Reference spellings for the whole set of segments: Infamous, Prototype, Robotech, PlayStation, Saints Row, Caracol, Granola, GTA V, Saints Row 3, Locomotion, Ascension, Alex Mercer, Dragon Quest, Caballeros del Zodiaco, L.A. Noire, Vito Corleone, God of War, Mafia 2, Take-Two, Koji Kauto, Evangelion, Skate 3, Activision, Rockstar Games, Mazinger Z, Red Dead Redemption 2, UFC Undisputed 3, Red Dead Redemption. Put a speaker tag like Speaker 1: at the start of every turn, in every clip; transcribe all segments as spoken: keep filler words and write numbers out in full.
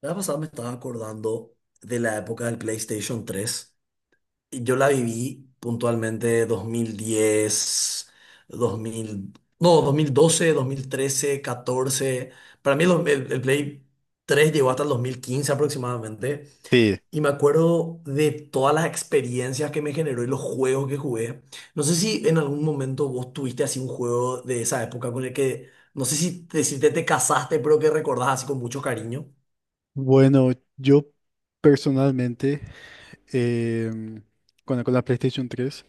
Speaker 1: La vez pasada me estaba acordando de la época del PlayStation tres y yo la viví puntualmente dos mil diez, dos mil no, dos dos mil doce, dos mil trece, catorce. Para mí el, dos- el- el Play tres llegó hasta el dos mil quince aproximadamente.
Speaker 2: Sí.
Speaker 1: Y me acuerdo de todas las experiencias que me generó y los juegos que jugué. No sé si en algún momento vos tuviste así un juego de esa época con el que, no sé si te, si te, te casaste, pero que recordás así con mucho cariño.
Speaker 2: Bueno, yo personalmente, em, con, la, con la PlayStation tres,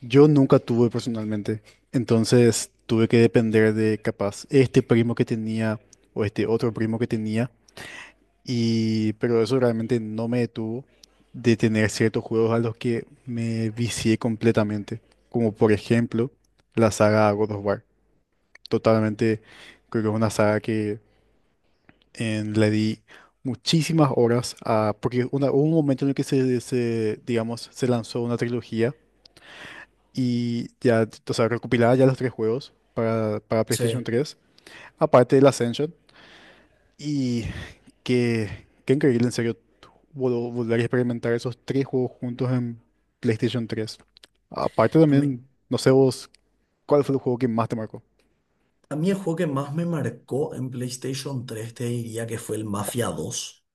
Speaker 2: yo nunca tuve personalmente. Entonces tuve que depender de capaz este primo que tenía o este otro primo que tenía. Y, pero eso realmente no me detuvo de tener ciertos juegos a los que me vicié completamente. Como por ejemplo la saga God of War. Totalmente, creo que es una saga que en- le di muchísimas horas a, porque una- hubo un momento en el que se, se, digamos, se lanzó una trilogía. Y ya, o sea, recopilaba ya los tres juegos para, para PlayStation
Speaker 1: Sí.
Speaker 2: tres, aparte del Ascension. Y qué, qué increíble, en serio, vol- volver a experimentar esos tres juegos juntos en PlayStation tres. Aparte también, no sé vos, ¿cuál fue el juego que más te marcó?
Speaker 1: A mí el juego que más me marcó en PlayStation tres te diría que fue el Mafia dos.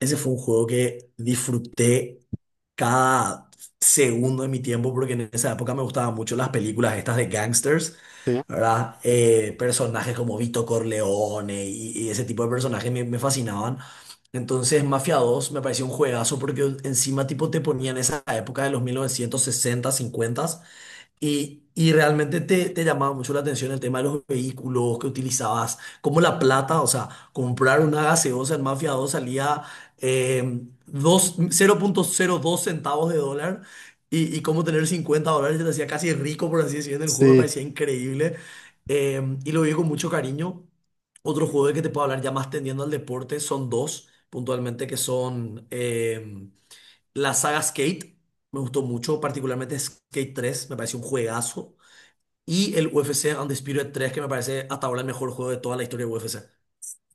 Speaker 1: Ese fue un juego que disfruté cada segundo de mi tiempo porque en esa época me gustaban mucho las películas estas de gangsters,
Speaker 2: Sí,
Speaker 1: ¿verdad? Eh, personajes como Vito Corleone y, y ese tipo de personajes me, me fascinaban. Entonces Mafia dos me pareció un juegazo porque encima tipo te ponían esa época de los mil novecientos sesenta, cincuenta, y, y realmente te, te llamaba mucho la atención el tema de los vehículos que utilizabas, como la plata, o sea, comprar una gaseosa en Mafia dos salía eh, dos- cero coma cero dos centavos de dólar y, y cómo tener cincuenta dólares te hacía casi rico, por así decirlo, en el juego me
Speaker 2: sí,
Speaker 1: parecía increíble, eh, y lo vi con mucho cariño. Otro juego de que te puedo hablar ya más tendiendo al deporte son dos, puntualmente, que son, eh, la saga Skate me gustó mucho, particularmente Skate tres me pareció un juegazo. Y el U F C Undisputed tres que me parece hasta ahora el mejor juego de toda la historia de U F C.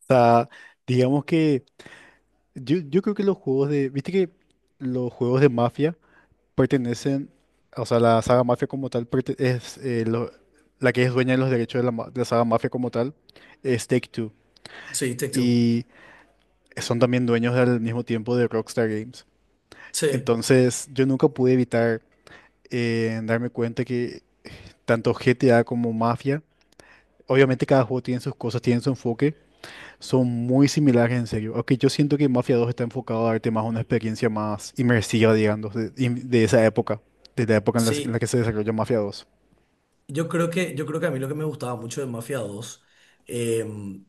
Speaker 2: o sea, digamos que. Yo, yo creo que los juegos de, viste que los juegos de Mafia pertenecen, o sea, la saga Mafia como tal perte- es eh, lo- la que es dueña de los derechos de la, ma- de la saga Mafia como tal, es Take-Two.
Speaker 1: Sí, Take-Two.
Speaker 2: Y son también dueños al mismo tiempo de Rockstar Games.
Speaker 1: Sí,
Speaker 2: Entonces, yo nunca pude evitar eh, darme cuenta que tanto G T A como Mafia, obviamente cada juego tiene sus cosas, tiene su enfoque. Son muy similares, en serio. Aunque yo siento que Mafia dos está enfocado a darte más una experiencia más inmersiva, digamos, de, im- de esa época, de la época en la, en la
Speaker 1: sí.
Speaker 2: que se desarrolló Mafia dos.
Speaker 1: Yo creo que, yo creo que a mí lo que me gustaba mucho de Mafia dos, em,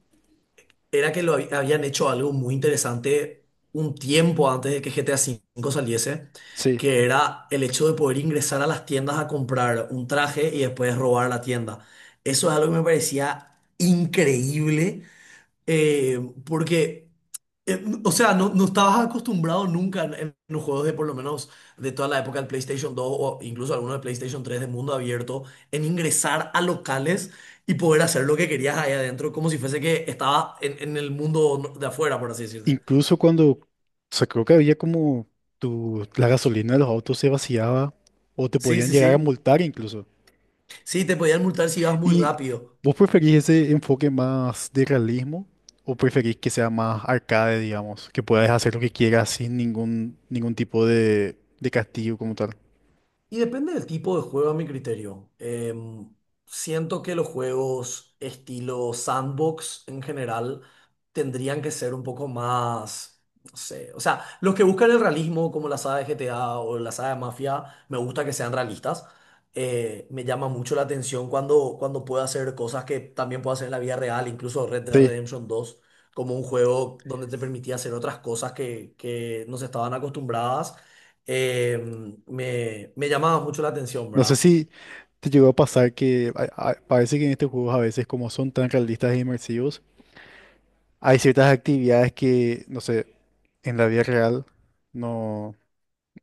Speaker 1: era que lo hab- habían hecho algo muy interesante un tiempo antes de que G T A V saliese,
Speaker 2: Sí.
Speaker 1: que era el hecho de poder ingresar a las tiendas a comprar un traje y después robar la tienda. Eso es algo que me parecía increíble, eh, porque, eh, o sea, no, no estabas acostumbrado nunca en, en los juegos de por lo menos de toda la época del PlayStation dos o incluso algunos de PlayStation tres de mundo abierto, en ingresar a locales y poder hacer lo que querías ahí adentro, como si fuese que estaba en, en el mundo de afuera, por así decirte.
Speaker 2: Incluso cuando, o sea, creo que había como tu, la gasolina de los autos se vaciaba o te
Speaker 1: Sí,
Speaker 2: podían
Speaker 1: sí,
Speaker 2: llegar a
Speaker 1: sí.
Speaker 2: multar incluso.
Speaker 1: Sí, te podían multar si ibas muy
Speaker 2: ¿Y
Speaker 1: rápido.
Speaker 2: vos preferís ese enfoque más de realismo o preferís que sea más arcade, digamos, que puedas hacer lo que quieras sin ningún, ningún tipo de, de castigo como tal?
Speaker 1: Y depende del tipo de juego a mi criterio. Em, siento que los juegos estilo sandbox en general tendrían que ser un poco más, no sé, o sea, los que buscan el realismo como la saga de G T A o la saga de Mafia, me gusta que sean realistas. Eh, me llama mucho la atención cuando, cuando puedo hacer cosas que también puedo hacer en la vida real, incluso Red Dead
Speaker 2: Sí.
Speaker 1: Redemption dos, como un juego donde te permitía hacer otras cosas que, que no se estaban acostumbradas, eh, me, me llamaba mucho la atención,
Speaker 2: No sé
Speaker 1: ¿verdad?
Speaker 2: si. ¿Te llegó a pasar que a- a- parece que en estos juegos a veces como son tan realistas e inmersivos, hay ciertas actividades que, no sé, en la vida real no,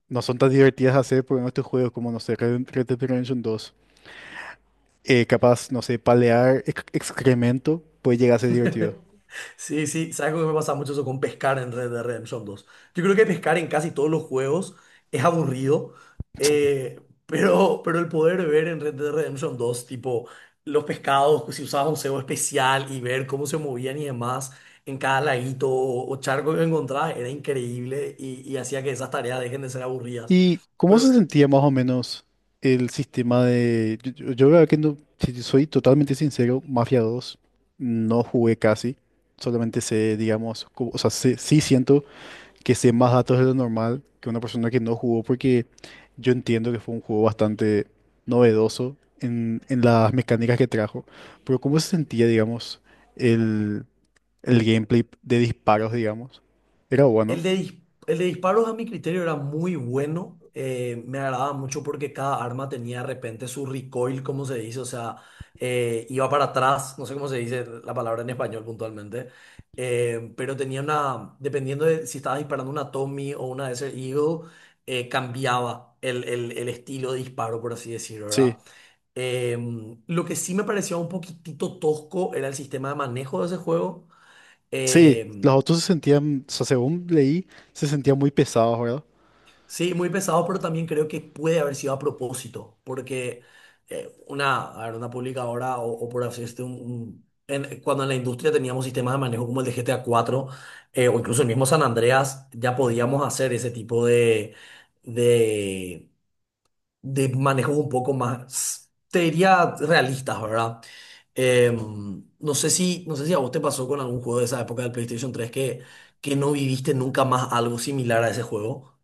Speaker 2: no son tan divertidas de hacer por estos juegos como, no sé, Red Red Dead Redemption dos? Eh, capaz, no sé, palear ex- excremento puede llegar a ser divertido.
Speaker 1: Sí, sí, sabes algo, que me pasa mucho eso con pescar en Red Dead Redemption dos. Yo creo que pescar en casi todos los juegos es aburrido, eh, pero, pero el poder ver en Red Dead Redemption dos tipo, los pescados, si usabas un cebo especial y ver cómo se movían y demás en cada laguito o, o charco que encontrabas, era increíble y, y hacía que esas tareas dejen de ser aburridas.
Speaker 2: ¿Y cómo se
Speaker 1: Pero
Speaker 2: sentía más o menos el sistema de? Yo, yo- yo la verdad que no, si te soy totalmente sincero, Mafia dos no jugué casi, solamente sé, digamos, cu- o sea, sí, sí siento que sé más datos de lo normal que una persona que no jugó, porque yo entiendo que fue un juego bastante novedoso en, en las mecánicas que trajo, pero ¿cómo se sentía, digamos, el, el gameplay de disparos, digamos? Era
Speaker 1: El
Speaker 2: bueno.
Speaker 1: de, dis- el de disparos a mi criterio era muy bueno. Eh, me agradaba mucho porque cada arma tenía de repente su recoil, como se dice, o sea, eh, iba para atrás, no sé cómo se dice la palabra en español puntualmente, eh, pero tenía una, dependiendo de si estaba disparando una Tommy o una Desert Eagle, eh, cambiaba el, el- el estilo de disparo, por así decirlo, ¿verdad?
Speaker 2: Sí.
Speaker 1: Em, lo que sí me parecía un poquitito tosco era el sistema de manejo de ese juego.
Speaker 2: Sí, los
Speaker 1: Em,
Speaker 2: autos se sentían, o sea, según leí, se sentían muy pesados, ¿verdad?
Speaker 1: Sí, muy pesado, pero también creo que puede haber sido a propósito, porque eh, una, a ver, una publicadora o, o por así decirlo, un- un- en- cuando en la industria teníamos sistemas de manejo como el de G T A cuatro, eh, o incluso el mismo San Andreas, ya podíamos hacer ese tipo de, de, de manejos un poco más, te diría, realistas, ¿verdad? Em, no sé si, no sé si a vos te pasó con algún juego de esa época del PlayStation tres que, que no viviste nunca más algo similar a ese juego.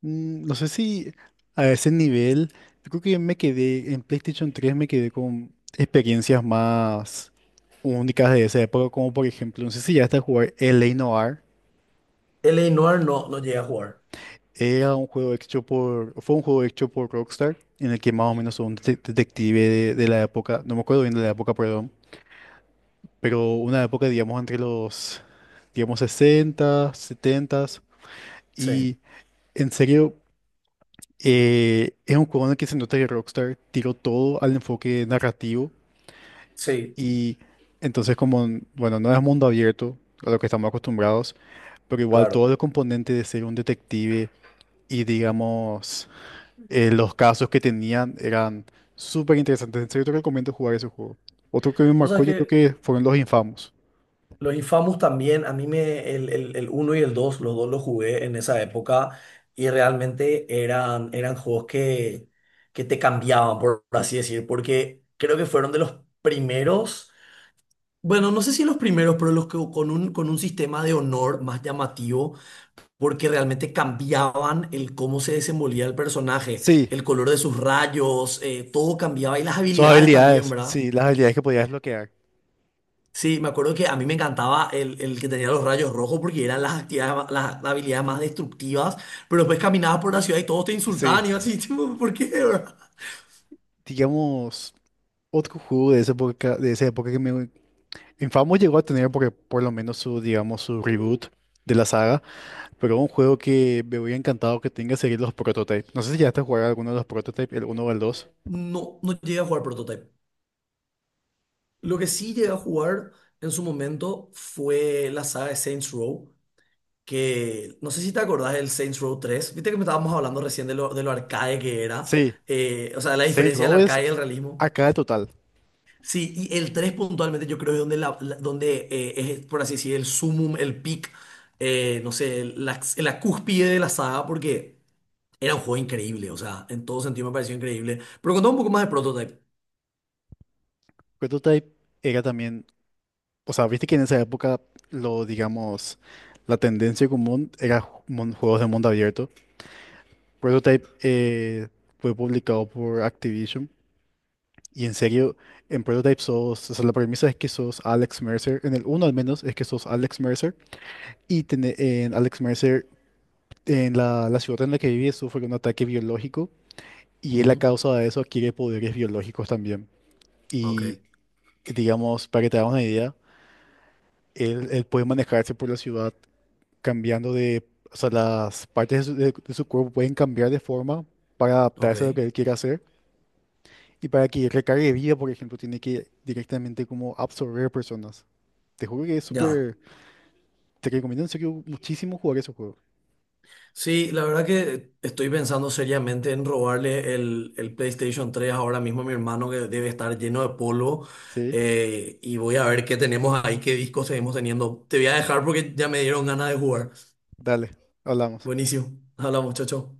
Speaker 2: Mm, No sé si a ese nivel, yo creo que me quedé, en PlayStation tres me quedé con experiencias más únicas de esa época, como por ejemplo, no sé si ya hasta jugar L A. Noire.
Speaker 1: L L.A. Noir no, no llegué a jugar.
Speaker 2: Era un juego hecho por, Fue un juego hecho por Rockstar, en el que más o menos un de- detective de, de la época, no me acuerdo bien de la época, perdón, pero una época, digamos, entre los, digamos, sesenta setenta,
Speaker 1: Sí,
Speaker 2: y en serio. Eh, es un juego en el que se nota que Rockstar tiró todo al enfoque narrativo.
Speaker 1: sí,
Speaker 2: Y entonces como, n- bueno, no es mundo abierto a lo que estamos acostumbrados, pero igual todos
Speaker 1: claro.
Speaker 2: los componentes de ser un detective y digamos eh, los casos que tenían eran súper interesantes. En serio te recomiendo jugar ese juego. Otro que me
Speaker 1: O sea
Speaker 2: marcó yo creo
Speaker 1: que
Speaker 2: que fueron los infamos.
Speaker 1: los Infamous también, a mí me, el, el, el uno y el dos los dos los jugué en esa época y realmente eran, eran juegos que, que te cambiaban, por así decir, porque creo que fueron de los primeros, bueno, no sé si los primeros, pero los que con un, con un sistema de honor más llamativo porque realmente cambiaban el cómo se desenvolvía el personaje,
Speaker 2: Sí,
Speaker 1: el color de sus rayos, eh, todo cambiaba y las
Speaker 2: sus
Speaker 1: habilidades también,
Speaker 2: habilidades,
Speaker 1: ¿verdad?
Speaker 2: sí, las habilidades que podías bloquear.
Speaker 1: Sí, me acuerdo que a mí me encantaba el, el que tenía los rayos rojos porque eran las actividades, ma- las, las habilidades más destructivas, pero después caminabas por la ciudad y todos te
Speaker 2: Sí,
Speaker 1: insultaban y yo así, tipo, ¿por qué, verdad?
Speaker 2: digamos, otro juego de esa época, de esa época que me, Infamous llegó a tener porque por lo menos su, digamos, su reboot de la saga, pero un juego que me hubiera encantado que tenga sería los Prototypes. No sé si ya a jugar alguno de los Prototypes, el uno o el dos.
Speaker 1: No, no llegué a jugar Prototype. Lo que sí llegué a jugar en su momento fue la saga de Saints Row, que no sé si te acordás del Saints Row tres, viste que me estábamos hablando recién de lo, de lo arcade que era,
Speaker 2: Sí.
Speaker 1: eh, o sea, la
Speaker 2: Saints
Speaker 1: diferencia del
Speaker 2: Row es
Speaker 1: arcade y el realismo.
Speaker 2: acá el total.
Speaker 1: Sí, y el tres puntualmente yo creo es donde, la, la- donde eh, es, por así decir, el sumum, el peak, eh, no sé, la, la cúspide de la saga, porque era un juego increíble, o sea, en todo sentido me pareció increíble. Pero contame un poco más de Prototype.
Speaker 2: Prototype era también, o sea, viste que en esa época lo, digamos, la tendencia común era ju- mon- juegos de mundo abierto. Prototype eh, fue publicado por Activision. Y en serio, en Prototype sos, o sea, la premisa es que sos Alex Mercer, en el uno al menos es que sos Alex Mercer, y tené- en Alex Mercer, en la, la ciudad en la que vive, sufre un ataque biológico, y él a
Speaker 1: Ujú.
Speaker 2: causa de eso adquiere poderes biológicos también.
Speaker 1: Ok,
Speaker 2: Y digamos, para que te hagas una idea, él, él puede manejarse por la ciudad cambiando de, o sea, las partes de su, de- de su cuerpo pueden cambiar de forma para
Speaker 1: ok,
Speaker 2: adaptarse a lo que él quiere hacer, y para que recargue vida, por ejemplo, tiene que directamente como absorber personas. Te juro que es
Speaker 1: ya.
Speaker 2: súper. Te recomiendo en serio muchísimo jugar ese juego.
Speaker 1: Sí, la verdad que estoy pensando seriamente en robarle el, el PlayStation tres ahora mismo a mi hermano que debe estar lleno de polvo,
Speaker 2: Sí,
Speaker 1: eh, y voy a ver qué tenemos ahí, qué discos seguimos teniendo. Te voy a dejar porque ya me dieron ganas de jugar.
Speaker 2: dale, hablamos.
Speaker 1: Buenísimo. Hola muchacho.